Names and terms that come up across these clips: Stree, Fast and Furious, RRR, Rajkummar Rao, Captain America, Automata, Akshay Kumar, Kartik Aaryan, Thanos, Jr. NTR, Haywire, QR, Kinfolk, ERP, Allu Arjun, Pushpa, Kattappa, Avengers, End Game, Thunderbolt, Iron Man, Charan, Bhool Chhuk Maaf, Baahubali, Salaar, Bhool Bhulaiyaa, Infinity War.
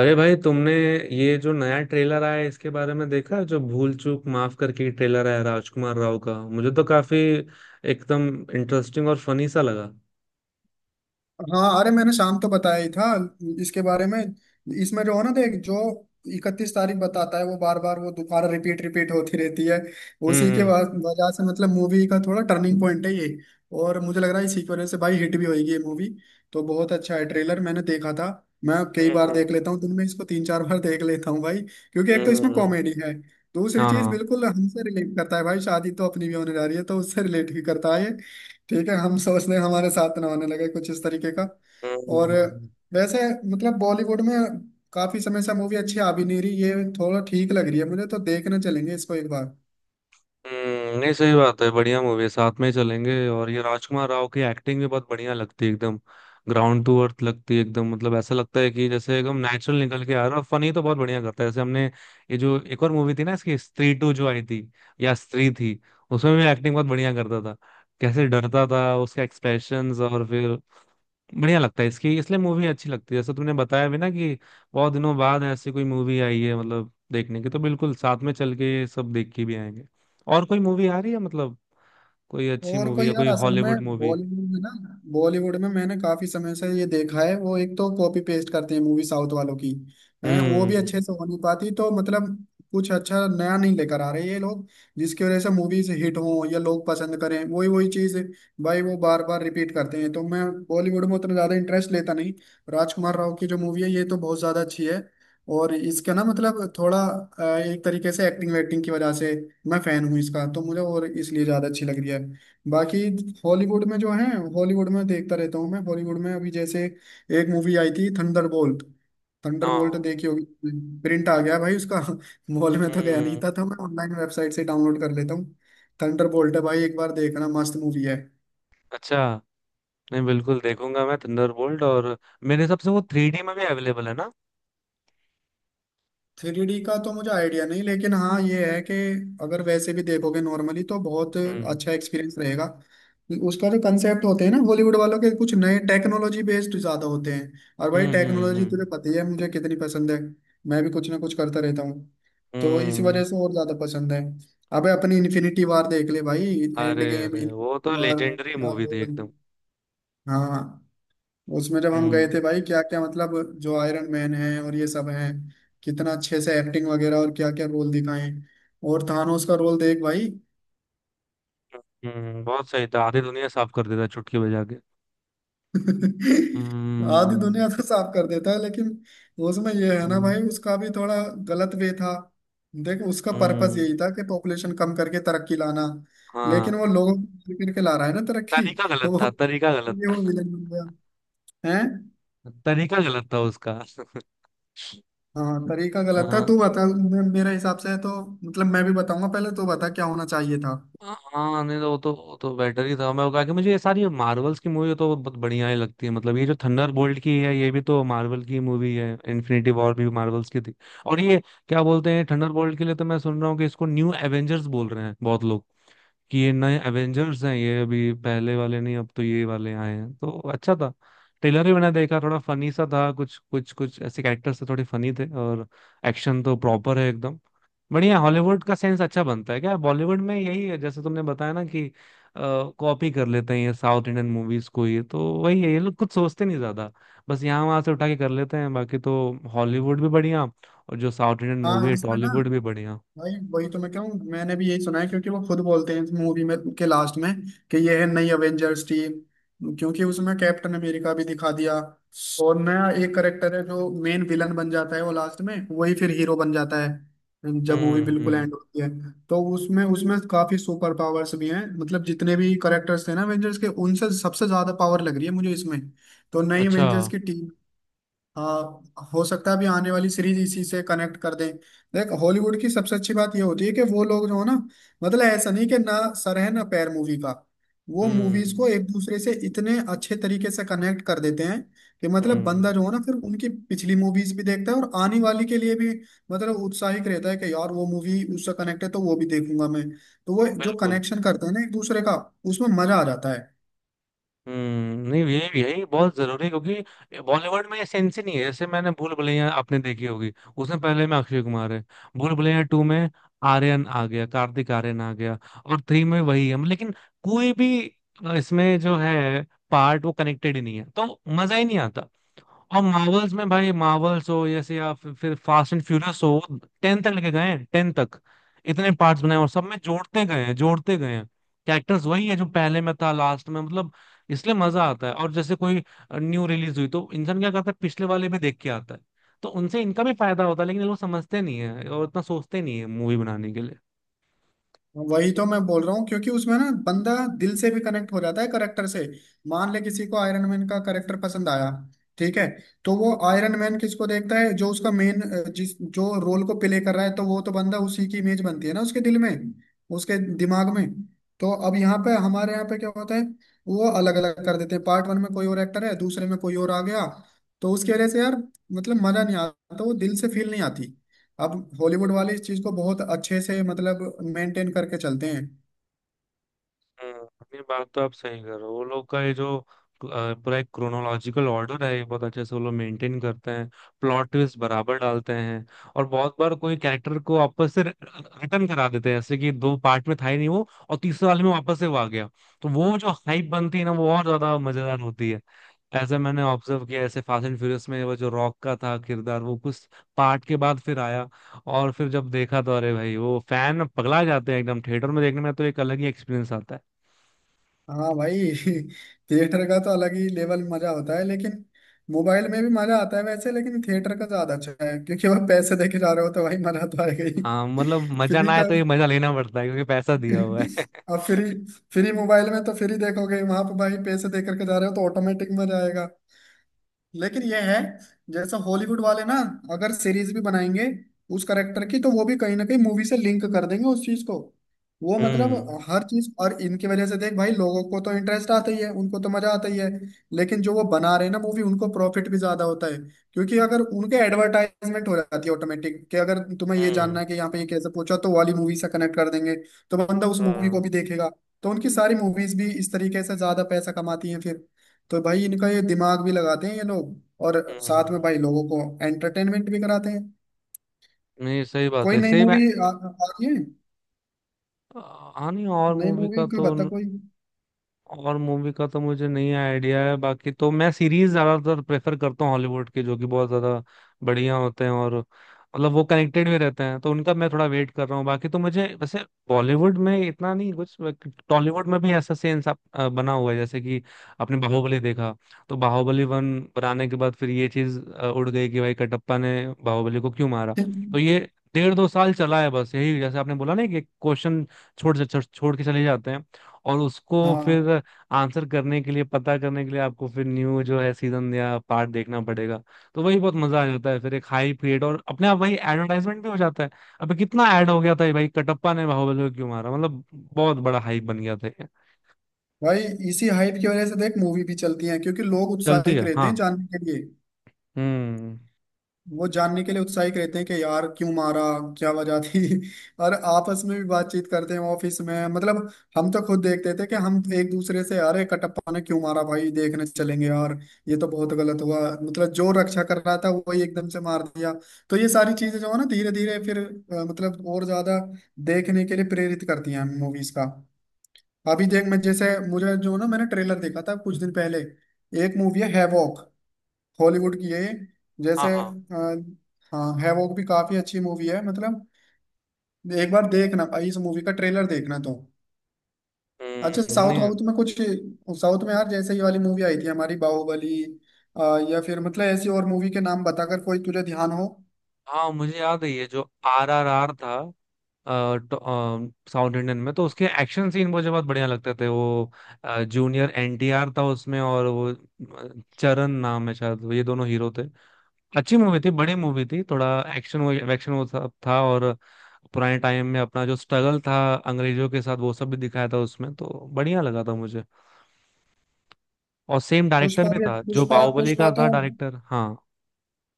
अरे भाई, तुमने ये जो नया ट्रेलर आया है, इसके बारे में देखा है? जो भूल चूक माफ करके ट्रेलर आया राजकुमार राव का। मुझे तो काफी एकदम इंटरेस्टिंग और फनी सा लगा। हाँ। अरे मैंने शाम तो बताया ही था इसके बारे में। इसमें जो है ना, देख, जो 31 तारीख बताता है, वो बार बार, वो दोबारा रिपीट रिपीट होती रहती है। हम्म। उसी के हम्म। वजह से मतलब मूवी का थोड़ा टर्निंग पॉइंट है ये। और मुझे लग रहा है इसी की वजह से भाई हिट भी होगी ये मूवी। तो बहुत अच्छा है ट्रेलर, मैंने देखा था। मैं कई बार हम्म, देख लेता हूँ दिन में, इसको 3 4 बार देख लेता हूँ भाई। क्योंकि एक हम्म, तो इसमें हम्म, कॉमेडी है। दूसरी चीज हाँ, बिल्कुल हमसे रिलेट करता है भाई, शादी तो अपनी भी होने जा रही है तो उससे रिलेट भी करता है। ठीक है, हम सोचने हमारे साथ ना होने लगे कुछ इस तरीके का। और हम्म, वैसे मतलब बॉलीवुड में काफी समय से मूवी अच्छी आ भी नहीं रही, ये थोड़ा ठीक लग रही है, मुझे तो देखने चलेंगे इसको एक बार। नहीं, सही बात है। बढ़िया मूवी है, साथ में ही चलेंगे। और ये राजकुमार राव की एक्टिंग भी बहुत बढ़िया लगती है, एकदम ग्राउंड टू अर्थ लगती है एकदम। मतलब ऐसा लगता है कि जैसे एकदम नेचुरल निकल के आ रहा है। फनी तो बहुत बढ़िया करता है, जैसे हमने ये जो एक और मूवी थी ना, इसकी स्त्री 2 जो आई थी, या स्त्री थी, उसमें भी एक्टिंग बहुत बढ़िया करता था। कैसे डरता था उसका एक्सप्रेशंस, और फिर बढ़िया लगता है इसकी, इसलिए मूवी अच्छी लगती है। जैसे तुमने बताया भी ना कि बहुत दिनों बाद ऐसी कोई मूवी आई है मतलब देखने की, तो बिल्कुल साथ में चल के ये सब देख के भी आएंगे। और कोई मूवी आ रही है मतलब? कोई अच्छी और मूवी कोई या यार कोई असल हॉलीवुड में मूवी? बॉलीवुड में ना, बॉलीवुड में मैंने काफी समय से ये देखा है, वो एक तो कॉपी पेस्ट करते हैं मूवी साउथ वालों की। हैं, वो भी हम्म। अच्छे से हो नहीं पाती तो मतलब कुछ अच्छा नया नहीं लेकर आ रहे ये लोग। जिसकी वजह से मूवीज हिट हो या लोग पसंद करें, वही वही चीज भाई वो बार बार रिपीट करते हैं, तो मैं बॉलीवुड में उतना ज्यादा इंटरेस्ट लेता नहीं। राजकुमार राव की जो मूवी है, ये तो बहुत ज्यादा अच्छी है। और इसका ना मतलब थोड़ा एक तरीके से एक्टिंग वेक्टिंग की वजह से मैं फैन हूँ इसका, तो मुझे और इसलिए ज्यादा अच्छी लग रही है। बाकी हॉलीवुड में जो है, हॉलीवुड में देखता रहता हूँ मैं। हॉलीवुड में अभी जैसे एक मूवी आई थी, थंडरबोल्ट। थंडरबोल्ट हाँ। देखी होगी, प्रिंट आ गया भाई उसका। मॉल में तो गया नहीं हम्म। था तो मैं ऑनलाइन वेबसाइट से डाउनलोड कर लेता हूँ। थंडरबोल्ट है भाई, एक बार देखना, मस्त मूवी है। अच्छा। नहीं, बिल्कुल देखूंगा मैं थंडरबोल्ट। और मेरे हिसाब से वो 3D में भी अवेलेबल है ना? 3D का तो मुझे आइडिया नहीं, लेकिन हाँ ये है कि अगर वैसे भी देखोगे नॉर्मली तो बहुत हम्म। अच्छा एक्सपीरियंस रहेगा। उसका जो कंसेप्ट होते हैं ना बॉलीवुड वालों के, कुछ नए टेक्नोलॉजी बेस्ड ज्यादा होते हैं। और भाई हम्म। हम्म। टेक्नोलॉजी हम्म। तुझे पता ही है मुझे कितनी पसंद है। मैं भी कुछ ना कुछ करता रहता हूँ, तो इस हम्म। वजह से और ज्यादा पसंद है। अबे अपनी इन्फिनिटी वार देख ले भाई, अरे, एंड गेम, अरे, वो इन्फिनिटी तो वार, लेजेंडरी क्या मूवी थी लेवल। एकदम। हाँ, उसमें जब हम गए थे हम्म भाई, क्या क्या मतलब। जो आयरन मैन है और ये सब हैं, कितना अच्छे से एक्टिंग वगैरह और क्या क्या रोल दिखाए। और थानोस का रोल देख भाई। बहुत सही था, आधी दुनिया साफ कर देता चुटकी बजा के। आधी हम्म। दुनिया तो साफ कर देता है लेकिन उसमें ये है ना हम्म। भाई, उसका भी थोड़ा गलत वे था। देख उसका पर्पस हम्म, यही था कि पॉपुलेशन कम करके तरक्की लाना, लेकिन वो हाँ। लोगों को मार करके ला रहा है ना तरक्की। तरीका तो गलत वो था, तरीका गलत वो था। विलन बन गया है। तरीका गलत था उसका। हाँ तरीका गलत था। हाँ, तू बता, मेरे हिसाब से तो मतलब मैं भी बताऊंगा, पहले तू बता क्या होना चाहिए था। हाँ, नहीं तो वो तो बेटर ही था। मैं वो कहा कि मुझे ये सारी मार्वल्स की मूवी तो बहुत बढ़िया ही लगती है। मतलब ये जो थंडर बोल्ट की है, ये भी तो मार्वल की मूवी है। इन्फिनिटी वॉर भी मार्वल्स की थी। और ये क्या बोलते हैं थंडर बोल्ट के लिए, तो मैं सुन रहा हूँ कि इसको न्यू एवेंजर्स बोल रहे हैं बहुत लोग। कि ये नए एवेंजर्स हैं, ये अभी पहले वाले नहीं, अब तो ये वाले आए हैं, तो अच्छा था। ट्रेलर भी मैंने देखा, थोड़ा फनी सा था। कुछ कुछ कुछ ऐसे कैरेक्टर्स थे, थोड़े फनी थे। और एक्शन तो प्रॉपर है एकदम, बढ़िया। हॉलीवुड का सेंस अच्छा बनता है। क्या बॉलीवुड में यही है? जैसे तुमने बताया ना कि कॉपी कर लेते हैं ये साउथ इंडियन मूवीज को। ये तो वही है, ये लोग कुछ सोचते नहीं ज्यादा, बस यहाँ वहां से उठा के कर लेते हैं। बाकी तो हॉलीवुड भी बढ़िया, और जो साउथ इंडियन मूवी हाँ है इसमें ना टॉलीवुड भी बढ़िया। भाई, वही तो मैं कहूँ, मैंने भी यही सुना है क्योंकि वो खुद बोलते हैं मूवी में के लास्ट में कि ये है नई अवेंजर्स टीम। क्योंकि उसमें कैप्टन अमेरिका भी दिखा दिया और नया एक करेक्टर है जो मेन विलन बन जाता है, वो लास्ट में वही फिर हीरो बन जाता है जब मूवी हम्म। बिल्कुल हम्म। एंड होती है। तो उसमें उसमें काफी सुपर पावर्स भी हैं, मतलब जितने भी करेक्टर्स थे ना अवेंजर्स के, उनसे सबसे ज्यादा पावर लग रही है मुझे इसमें। तो नई अच्छा। अवेंजर्स की टीम। हाँ, हो सकता है अभी आने वाली सीरीज इसी से कनेक्ट कर दें। देख हॉलीवुड की सबसे अच्छी बात ये होती है कि वो लोग जो है ना, मतलब ऐसा नहीं कि ना सर है ना पैर मूवी का। वो मूवीज हम्म। को एक दूसरे से इतने अच्छे तरीके से कनेक्ट कर देते हैं कि मतलब हम्म। बंदा जो है ना, फिर उनकी पिछली मूवीज भी देखता है और आने वाली के लिए भी मतलब उत्साहित रहता है कि यार वो मूवी उससे कनेक्ट है तो वो भी देखूंगा मैं। तो वो जो बिल्कुल। कनेक्शन करते हैं ना एक दूसरे का, उसमें मजा आ जाता है। नहीं, यही यही बहुत जरूरी है, क्योंकि बॉलीवुड में ये सेंस ही नहीं है। जैसे मैंने भूल भुलैया आपने देखी होगी, उसमें पहले में अक्षय कुमार है, भूल भुलैया 2 में आर्यन आ गया, कार्तिक आर्यन आ गया। और 3 में वही है, लेकिन कोई भी इसमें जो है पार्ट वो कनेक्टेड ही नहीं है, तो मजा ही नहीं आता। और मार्वल्स में भाई, मार्वल्स हो जैसे, या फिर फास्ट एंड फ्यूरियस हो, 10 तक लेके गए हैं, 10 तक। इतने पार्ट्स बनाए और सब में जोड़ते गए हैं, जोड़ते गए हैं। कैरेक्टर्स वही है जो पहले में था, लास्ट में, मतलब इसलिए मजा आता है। और जैसे कोई न्यू रिलीज हुई तो इंसान क्या करता है, पिछले वाले में देख के आता है। तो उनसे इनका भी फायदा होता है, लेकिन ये लोग समझते नहीं है और इतना सोचते नहीं है मूवी बनाने के लिए। वही तो मैं बोल रहा हूँ क्योंकि उसमें ना बंदा दिल से भी कनेक्ट हो जाता है करेक्टर से। मान ले किसी को आयरन मैन का करेक्टर पसंद आया, ठीक है, तो वो आयरन मैन किसको देखता है जो उसका मेन, जिस जो रोल को प्ले कर रहा है, तो वो तो बंदा उसी की इमेज बनती है ना उसके दिल में, उसके दिमाग में। तो अब यहाँ पे हमारे यहाँ पे क्या होता है, वो अलग अलग कर देते हैं, पार्ट वन में कोई और एक्टर है, दूसरे में कोई और आ गया। तो उसकी वजह से यार मतलब मजा नहीं आता, तो वो दिल से फील नहीं आती। अब हॉलीवुड वाले इस चीज को बहुत अच्छे से मतलब मेंटेन करके चलते हैं। हम्म, ये बात तो आप सही कर रहे हो। वो लोग का ये जो पूरा एक क्रोनोलॉजिकल ऑर्डर है, ये बहुत अच्छे से वो लोग मेंटेन करते हैं। प्लॉट ट्विस्ट बराबर डालते हैं। और बहुत बार कोई कैरेक्टर को वापस से रिटर्न करा देते हैं, जैसे कि 2 पार्ट में था ही नहीं वो, और तीसरे वाले में वापस से वो आ गया। तो वो जो हाइप बनती है ना, वो और ज्यादा मजेदार होती है। ऐसा मैंने ऑब्जर्व किया। ऐसे फास्ट एंड फ्यूरियस में वो जो रॉक का था किरदार, वो कुछ पार्ट के बाद फिर आया। और फिर जब देखा तो अरे भाई, वो फैन पगला जाते हैं एकदम। थिएटर में देखने में तो एक अलग ही एक्सपीरियंस आता है। हाँ भाई। थिएटर का तो अलग ही लेवल मजा होता है, लेकिन मोबाइल में भी मजा आता है वैसे, लेकिन थिएटर का ज्यादा अच्छा है क्योंकि वह पैसे देके जा रहे हो तो भाई मजा तो आएगा ही। हाँ, मतलब मजा ना फ्री आए का। तो ये मजा लेना पड़ता है, क्योंकि पैसा दिया हुआ है। अब फ्री, मोबाइल में तो फ्री देखोगे, वहां पर भाई पैसे दे करके जा रहे हो तो ऑटोमेटिक मजा आएगा। लेकिन ये है, जैसे हॉलीवुड वाले ना, अगर सीरीज भी बनाएंगे उस करेक्टर की, तो वो भी कहीं ना कहीं मूवी से लिंक कर देंगे उस चीज को। वो मतलब हम्म। हर चीज, और इनकी वजह से देख भाई, लोगों को तो इंटरेस्ट आता ही है, उनको तो मजा आता ही है, लेकिन जो वो बना रहे हैं ना मूवी, उनको प्रॉफिट भी ज्यादा होता है। क्योंकि अगर उनके एडवर्टाइजमेंट हो जाती है ऑटोमेटिक कि अगर तुम्हें ये हम्म। जानना है कि यहाँ पे ये कैसे पूछा तो वाली मूवी से कनेक्ट कर देंगे, तो बंदा उस मूवी को हाँ। भी देखेगा। तो उनकी सारी मूवीज भी इस तरीके से ज्यादा पैसा कमाती हैं फिर। तो भाई इनका ये दिमाग भी लगाते हैं ये लोग। और हम्म। साथ में भाई लोगों को एंटरटेनमेंट भी कराते हैं। नहीं, सही बात कोई है, नई सही। मैं, मूवी आ रही है? हाँ, नहीं, और नई मूवी मूवी का का तो बता कोई। और मूवी का तो मुझे नहीं आइडिया है। बाकी तो मैं सीरीज ज्यादातर प्रेफर करता हूँ हॉलीवुड के, जो कि बहुत ज्यादा बढ़िया होते हैं। और मतलब वो कनेक्टेड भी रहते हैं, तो उनका मैं थोड़ा वेट कर रहा हूँ। बाकी तो मुझे वैसे बॉलीवुड में इतना नहीं कुछ। टॉलीवुड में भी ऐसा सेंस आप बना हुआ है, जैसे कि आपने बाहुबली देखा। तो बाहुबली 1 बनाने के बाद फिर ये चीज उड़ गई कि भाई, कटप्पा ने बाहुबली को क्यों मारा। तो ये डेढ़ दो साल चला है बस यही, जैसे आपने बोला ना कि क्वेश्चन छोड़ छोड़ के चले जाते हैं। और उसको हाँ फिर आंसर करने के लिए, पता करने के लिए आपको फिर न्यू जो है सीजन या पार्ट देखना पड़ेगा। तो वही बहुत मजा आ जाता है फिर, एक हाई पीरियड, और अपने आप वही एडवर्टाइजमेंट भी हो जाता है। अबे, कितना ऐड हो गया था ये, भाई कटप्पा ने बाहुबली को क्यों मारा, मतलब बहुत बड़ा हाइप बन गया था ये। भाई, इसी हाइप की वजह से देख मूवी भी चलती है क्योंकि लोग चलती उत्साहित है, रहते हाँ। हैं जानने के लिए। हम्म। वो जानने के लिए उत्साहित रहते हैं कि यार क्यों मारा, क्या वजह थी। और आपस में भी बातचीत करते हैं ऑफिस में मतलब। हम तो खुद देखते थे कि हम एक दूसरे से, अरे कटप्पा ने क्यों मारा भाई, देखने चलेंगे यार, ये तो बहुत गलत हुआ, मतलब जो रक्षा कर रहा था वही एकदम से मार दिया। तो ये सारी चीजें जो है ना, धीरे धीरे फिर मतलब और ज्यादा देखने के लिए प्रेरित करती हैं मूवीज का। अभी देख मैं जैसे, मुझे जो ना मैंने ट्रेलर देखा था कुछ दिन पहले, एक मूवी है हैवॉक, हॉलीवुड की। यही हाँ। जैसे हाँ। हाँ हैवॉक भी काफी अच्छी मूवी है मतलब। एक बार देखना भाई, इस मूवी का ट्रेलर देखना तो। अच्छा, हम्म। साउथ नहीं। वाउथ में कुछ, साउथ में यार जैसे ये वाली मूवी आई थी हमारी बाहुबली। अ, या फिर मतलब ऐसी और मूवी के नाम बताकर, कोई तुझे ध्यान हो? हाँ, मुझे याद है, ये जो RRR था साउथ इंडियन में, तो उसके एक्शन सीन मुझे बहुत बढ़िया लगते थे वो। जूनियर एनटीआर था उसमें, और वो चरण नाम है शायद, ये दोनों हीरो थे। अच्छी मूवी थी, बड़ी मूवी थी थोड़ा। एक्शन, एक्शन, वो सब था। और पुराने टाइम में अपना जो स्ट्रगल था अंग्रेजों के साथ, वो सब भी दिखाया था उसमें, तो बढ़िया लगा था मुझे। और सेम डायरेक्टर पुष्पा भी भी, था जो पुष्पा बाहुबली पुष्पा का था, तो डायरेक्टर। हाँ।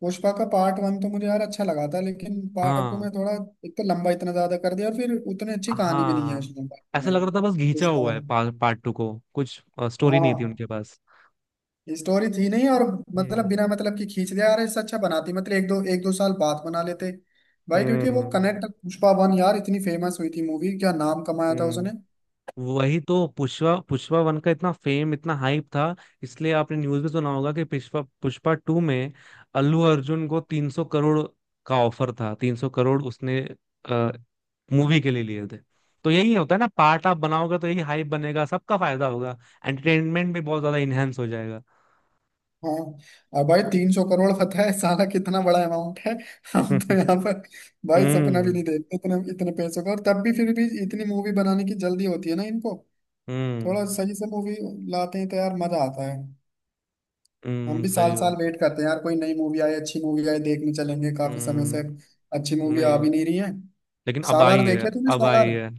पुष्पा का पार्ट वन तो मुझे यार अच्छा लगा था, लेकिन पार्ट टू हाँ। में थोड़ा, एक तो लंबा इतना ज्यादा कर दिया और फिर उतनी अच्छी कहानी भी नहीं है हाँ, उसमें पार्ट टू ऐसा में। लग रहा था बस घींचा पुष्पा हुआ है वाला। पार्ट 2 को कुछ। स्टोरी नहीं थी हाँ उनके पास। स्टोरी थी नहीं और मतलब हम्म। बिना मतलब की खींच दिया यार, इससे अच्छा बनाती मतलब एक दो, एक दो साल बाद बना लेते भाई। क्योंकि वो हम्म। कनेक्ट, पुष्पा वन यार इतनी फेमस हुई थी मूवी, क्या नाम कमाया था उसने। हम्म। वही तो पुष्पा पुष्पा 1 का इतना फेम, इतना हाइप था। इसलिए आपने न्यूज में सुना होगा कि पुष्पा पुष्पा 2 में अल्लू अर्जुन को 300 करोड़ का ऑफर था। 300 करोड़ उसने मूवी के लिए लिए थे। तो यही होता है ना, पार्ट आप बनाओगे तो यही हाइप बनेगा, सबका फायदा होगा। एंटरटेनमेंट भी बहुत ज्यादा इनहेंस हो जाएगा। हाँ। और भाई 300 करोड़ पता है साला कितना बड़ा अमाउंट है। हम तो हम्म। यहाँ पर भाई सपना भी हम्म। नहीं देखते इतने इतने पैसों का, और तब भी फिर भी इतनी मूवी बनाने की जल्दी होती है ना इनको। हम्म। थोड़ा सही से मूवी लाते हैं तो यार मजा आता है। हम भी साल सही साल बात है। वेट करते हैं यार कोई नई मूवी आए, अच्छी मूवी आए देखने चलेंगे। काफी समय से हम्म अच्छी मूवी आ नहीं, भी नहीं रही है। लेकिन अब सालार आई है, देखे तूने, अब आई सालार? है।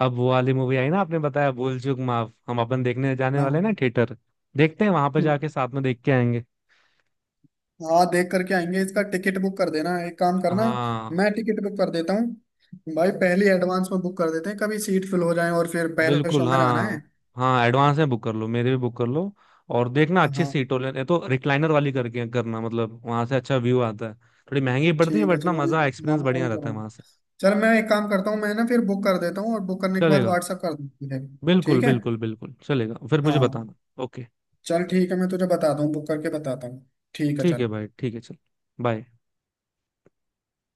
अब वो वाली मूवी आई ना, आपने बताया भूल चूक माफ। हम अपन देखने जाने वाले हैं ना हाँ। थिएटर, देखते हैं वहां पे जाके साथ में देख के आएंगे। हाँ देख करके आएंगे, इसका टिकट बुक कर देना, एक काम करना। हाँ। मैं टिकट बुक कर देता हूँ भाई, पहले एडवांस में बुक कर देते हैं, कभी सीट फिल हो जाए और फिर पहले शो बिल्कुल, में जाना हाँ। है। हाँ, एडवांस में बुक कर लो, मेरे भी बुक कर लो। और देखना अच्छी सीट हाँ हो लेने तो, रिक्लाइनर वाली करके करना, मतलब वहां से अच्छा व्यू आता है। थोड़ी महंगी पड़ती है ठीक है, बट ना, चलो वही मजा, एक्सपीरियंस मामू बढ़िया वही रहता करो। है वहां से। चल मैं एक काम करता हूँ, मैं ना फिर बुक कर देता हूँ और बुक करने के बाद चलेगा। व्हाट्सअप कर दूँ तुझे? बिल्कुल, ठीक है। बिल्कुल, बिल्कुल चलेगा, फिर मुझे हाँ बताना। ओके। चल ठीक है, मैं तुझे बताता हूँ, बुक करके बताता हूँ। ठीक है ठीक है चल। भाई, ठीक है, चल। बाय।